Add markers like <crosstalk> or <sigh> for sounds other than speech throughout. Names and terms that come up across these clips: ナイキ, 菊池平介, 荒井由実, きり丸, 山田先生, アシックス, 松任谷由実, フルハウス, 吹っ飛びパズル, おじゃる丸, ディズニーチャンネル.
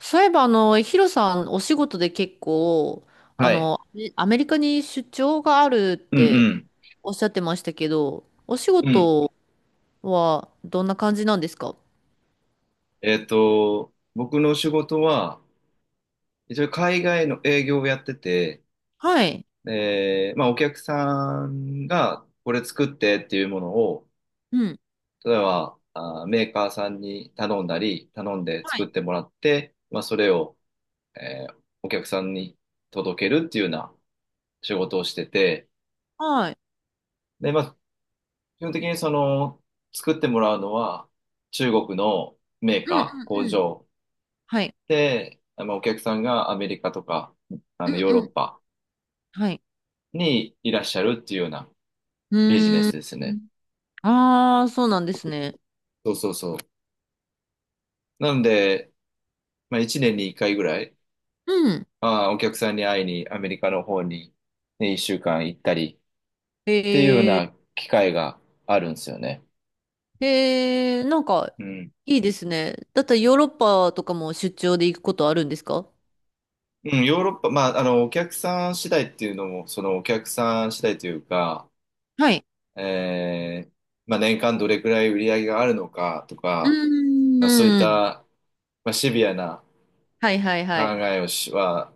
そういえば、ヒロさん、お仕事で結構、はい。アメリカに出張があるっうてんおっしゃってましたけど、お仕うん。うん。事はどんな感じなんですか？僕の仕事は、一応海外の営業をやってて、はい。まあお客さんがこれ作ってっていうものを、うん。例えば、メーカーさんに頼んだり、頼んでは作っい。てもらって、まあそれを、えーお客さんに届けるっていうような仕事をしてて、はい。で、まあ基本的にその、作ってもらうのは中国のメーうんうカー、ん工うん。場はい。で、まあ、お客さんがアメリカとか、うんヨーロうッん。パはい。にいらっしゃるっていうようなうビジネーん。スですね。ああ、そうなんですね。そうそうそう。なので、まあ、1年に1回ぐらい、うん。まあ、お客さんに会いにアメリカの方に、ね、1週間行ったりっていうようえな機会があるんですよね。なんか、うん。いいですね。だったらヨーロッパとかも出張で行くことあるんですか？うん、ヨーロッパ、まあ、お客さん次第っていうのも、そのお客さん次第というか、はい。えーまあ、年間どれくらい売り上げがあるのかとうか、まあ、そういっーん。た、まあ、シビアなはいはい考はい。えをしは、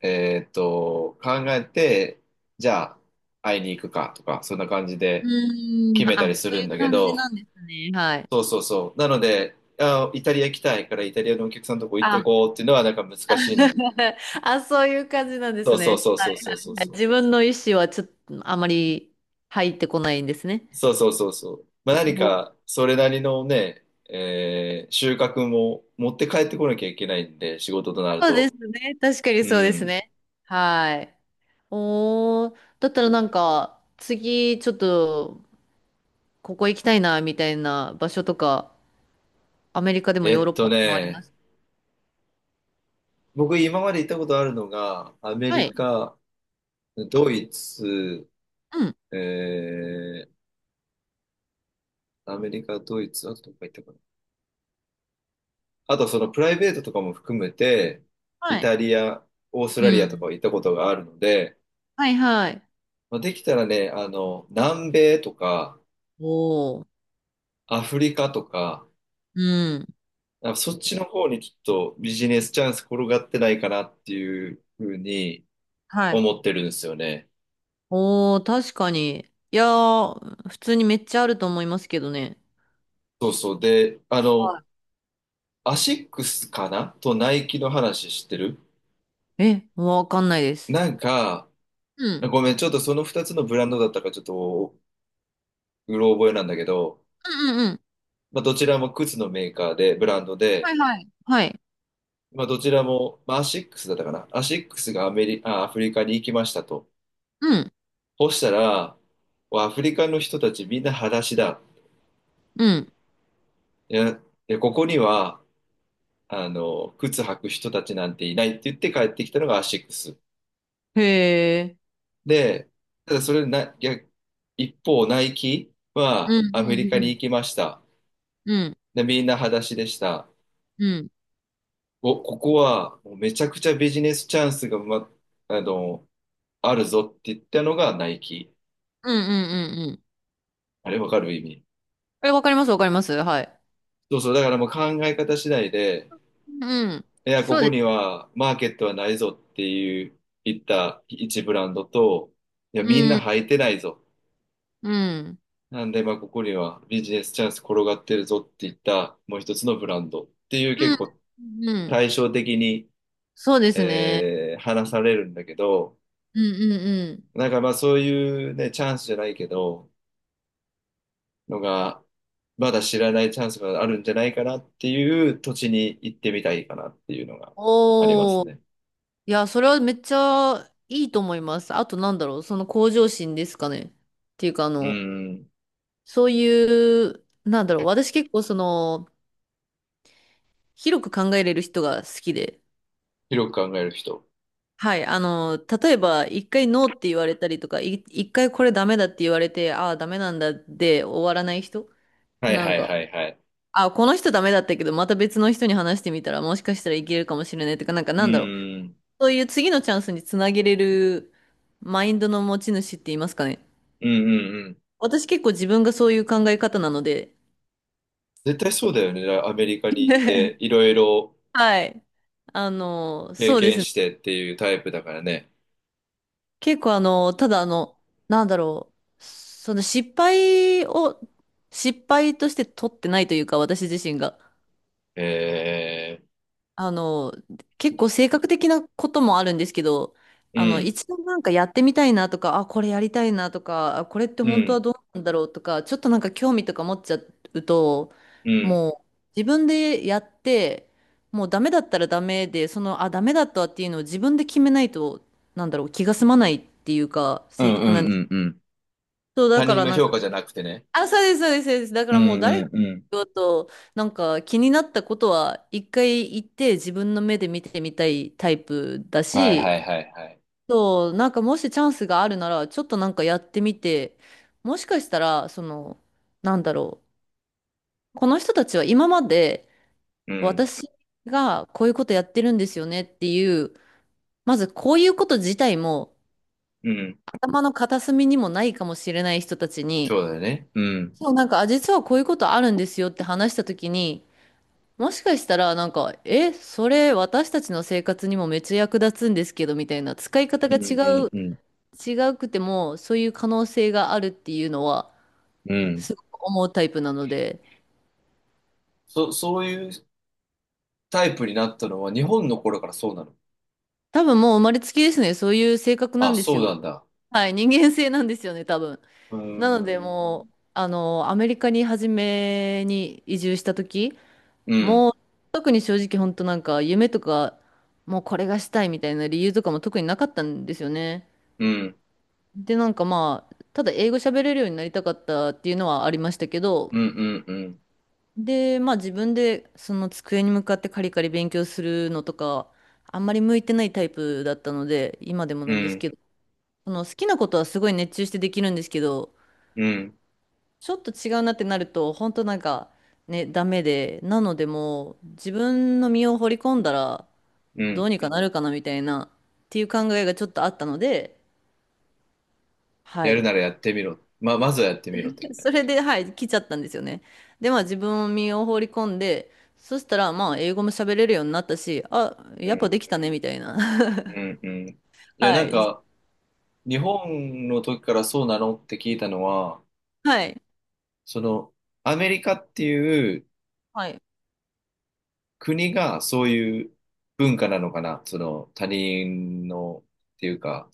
考えて、じゃあ、会いに行くかとか、そんな感じうでー決ん、めたあ、りすそうるいんうだけ感じど、なんですね。はい。そうそうそう。なので、あ、イタリア行きたいから、イタリアのお客さんのとこ行ってあ、こうっていうのは、なんか難しいん。<laughs> あ、そういう感じなんでそすうそうね。そうそうそうそうそう。自分の意思はちょっとあまり入ってこないんですね。そうそうそうそう。まあ、何もうか、それなりのね、収穫も持って帰ってこなきゃいけないんで、仕事となるそうでと。すね。確かにうそうですん。ね。はい。おー、だったらなんか、次ちょっとここ行きたいな、みたいな場所とか、アメリカでもヨーロッパでもありね、ます？僕今まで行ったことあるのが、アメはリい。カ、ドイツ、うん。えアメリカ、ドイツ、あとどこか行ったかな。あとそのプライベートとかも含めて、はイい。タリア、オーストうラリアとん。かは行ったことがあるので、はいはい。まあ、できたらね、南米とか、おー。アフリカとか、うん。なんかそっちの方にちょっとビジネスチャンス転がってないかなっていうふうにはい。思ってるんですよね。おー、確かに。いやー、普通にめっちゃあると思いますけどね。そうそう。で、はアシックスかなとナイキの話知ってる？い。え、わかんないです。なんか、うん。ごめん、ちょっとその2つのブランドだったかちょっとうろ覚えなんだけど、うんうんうん。まあ、どちらも靴のメーカーで、ブランドはで、いはい。はい。まあ、どちらも、まあ、アシックスだったかな。アシックスがアフリカに行きましたと。うん。そしたら、アフリカの人たちみんな裸足だ。うん。いや、で、ここには、靴履く人たちなんていないって言って帰ってきたのがアシックス。へえ。で、ただそれな、逆一方、ナイキうはんアメリカうにん行きました。うん。で、みんな裸足でした。うん。お、ここはもうめちゃくちゃビジネスチャンスが、ま、あの、あるぞって言ったのがナイキ。うんうんうんうんうん。あれわかる、意味？え、わかりますわかります。はい。そうそう、だからもう考え方次第で、うん。いや、こそうでこにす。はマーケットはないぞっていう言った一ブランドと、いや、みんうなん。履いてないぞ。うん。なんで、まあ、ここにはビジネスチャンス転がってるぞって言ったもう一つのブランドっていうう結ん。構うん。対照的に、そうですね。話されるんだけど、うんうんうん。なんかまあそういうね、チャンスじゃないけど、のが、まだ知らないチャンスがあるんじゃないかなっていう土地に行ってみたいかなっていうのがありますおー。ね。いや、それはめっちゃいいと思います。あとなんだろう、その向上心ですかね。っていうか、うん。そういう、なんだろう、私結構その、広く考えれる人が好きで。広く考える人。はい、あの、例えば、一回ノーって言われたりとか、一回これダメだって言われて、ああ、ダメなんだで終わらない人、はいなんはいか、はいはい。ああ、この人ダメだったけど、また別の人に話してみたら、もしかしたらいけるかもしれないとか、なんかうなんだろう、ん。そういう次のチャンスにつなげれるマインドの持ち主って言いますかね。うんうんうん。私結構自分がそういう考え方なので。絶対そうだよね。アメリカに行って、<laughs> いろいろはい。あの、経そうで験すね。してっていうタイプだからね。結構あの、ただあの、なんだろう。その失敗を、失敗として取ってないというか、私自身が。えあの、結構性格的なこともあるんですけど、うん、一度なんかやってみたいなとか、あ、これやりたいなとか、あこれってう本当はん、どうなんだろうとか、ちょっとなんか興味とか持っちゃうと、うん。もう自分でやって、もうダメだったらダメで、その、あ、ダメだったっていうのを自分で決めないと、なんだろう、気が済まないっていうか、う性んう格なんでんうんす。うん。そう、だ他か人らのなん評か、価じゃなくてね。あ、そうです、そうです、そうです。だかうんらもう誰うがんうん。言おうと、なんか気になったことは一回行って自分の目で見てみたいタイプだはいはし、いはいはい。そう、なんかもしチャンスがあるなら、ちょっとなんかやってみて、もしかしたら、その、なんだろう、この人たちは今までうん、私がこういうことやってるんですよねっていう、まずこういうこと自体もうん。頭の片隅にもないかもしれない人たちそに、うだよね。うん。そう、なんか、あ、実はこういうことあるんですよって話したときに、もしかしたら、なんか、え、それ私たちの生活にもめっちゃ役立つんですけど、みたいな、使いう方が違んうんう、うん違うくても、そういう可能性があるっていうのは、うん。すごく思うタイプなので、そういうタイプになったのは日本の頃からそうなの？多分もう生まれつきですね、そういう性格なあ、んですそうなよ。んだ。はい、人間性なんですよね、多分。うーなので、ん。もう、アメリカに初めに移住した時うん。もう、特に正直、本当なんか、夢とか、もうこれがしたいみたいな理由とかも特になかったんですよね。うん。で、なんかまあ、ただ英語喋れるようになりたかったっていうのはありましたけど、うん。うん。で、まあ自分でその机に向かってカリカリ勉強するのとか、あんまり向いてないタイプだったので、今でもうなんですん。けど、その好きなことはすごい熱中してできるんですけど、うん。ちょっと違うなってなると、本当なんかね、ダメで、なのでもう自分の身を掘り込んだらうどん。うにかなるかなみたいなっていう考えがちょっとあったので、はやるい。ならやってみろ。まずはやってみろって <laughs> 感そじ。れで、はい、来ちゃったんですよね。で、まあ自分を身を放り込んで、そしたら、まあ英語も喋れるようになったし、あ、うやっぱん。できたね、みたいな。う <laughs> ん。うん。いや、はなんい。か、日本の時からそうなのって聞いたのは、はい。その、アメリカっていうはい。国がそういう文化なのかな。その、他人の、っていうか、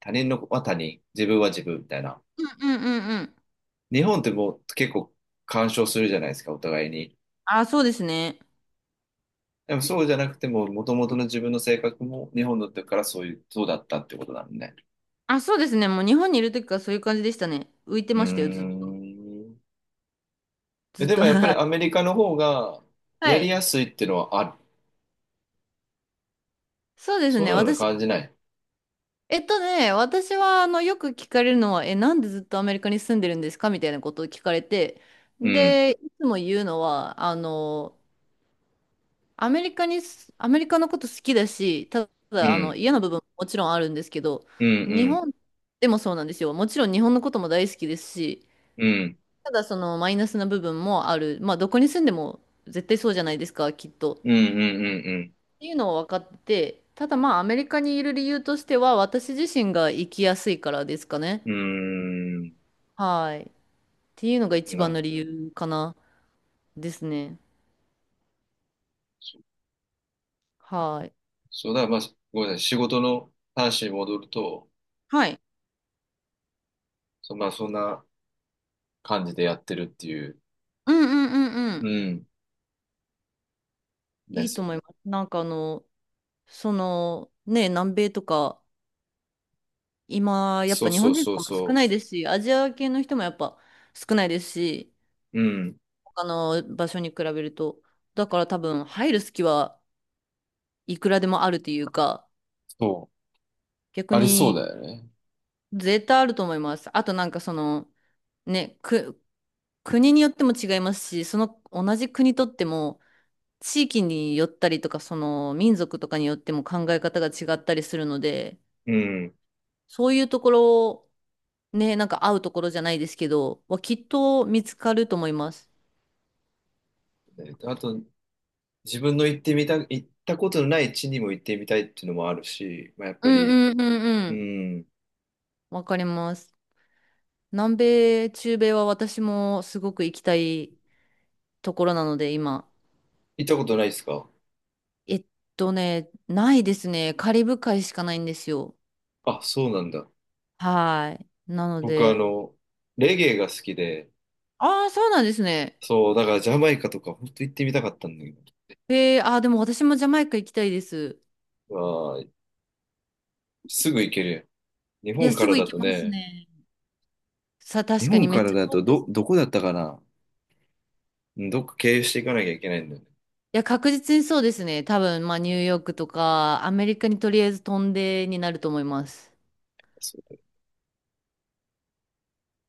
他人のは他人、自分は自分みたいな。うんうんうんうん。日本ってもう結構干渉するじゃないですか、お互いに。あ、そうですね。でもそうじゃなくても、もともとの自分の性格も日本だったからそういう、そうだったってことなのね。あ、そうですね。もう日本にいる時からそういう感じでしたね。浮いてうーましたよ、ん。ずっでと。<laughs> もやっぱはりい。アメリカの方がはやりい。やすいっていうのはある？そうですそんね。なの感じない？えっとね、私は、あの、よく聞かれるのは、え、なんでずっとアメリカに住んでるんですかみたいなことを聞かれて、うん、で、いつも言うのは、アメリカのこと好きだし、たうだ、あの、ん、嫌な部分ももちろんあるんですけど、うん、う日ん、本でもそうなんですよ。もちろん日本のことも大好きですし、うん、ただそのマイナスな部分もある。まあ、どこに住んでも絶対そうじゃないですか、きっと。っうん、うん、ていうのを分かってて、ただまあ、アメリカにいる理由としては、私自身が生きやすいからですかね。うん、うん。うーはい。っていうのがん。一な番るほの理ど。由かな、ですね。そうはい。そうだ、まあ、ごめんなさい。仕事の話に戻ると、はい。そ、まあ、そんな、感じでやってるっていう。うんうんうんううん。ん。でいいすとよ思いね。ます。その、ね、南米とか、今、やっそぱう日そ本う人そとうかも少そないですし、アジア系の人もやっぱ少ないですし、う。うん。他の場所に比べると。だから多分、入る隙はいくらでもあるというか、そう。逆ありそうにだよね。絶対あると思います。あとなんかその、ね、く、国によっても違いますし、その同じ国とっても、地域によったりとか、その民族とかによっても考え方が違ったりするので、うん。そういうところね、なんか会うところじゃないですけど、はきっと見つかると思います。であと、自分の行ってみた、行ったことのない地にも行ってみたいっていうのもあるし、まあ、やっうぱんり、うんうんううん。ん。わかります。南米、中米は私もすごく行きたいところなので、今。行ったことないですか？えっとね、ないですね。カリブ海しかないんですよ。あ、そうなんだ。はい。なの僕、で、レゲエが好きで、ああ、そうなんですね。そう、だからジャマイカとか本当行ってみたかったんだけえー、ああ、でも私もジャマイカ行きたいです。ど、わあ、すぐ行けるやん。日いや、本かすらぐ行だけとますね、ね。さあ、日確か本にめっからちゃだ遠といですどね。こだったかな。うん、どっか経由していかなきゃいけないんだよね。いや、確実にそうですね。多分、まあ、ニューヨークとか、アメリカにとりあえず飛んでになると思います。そ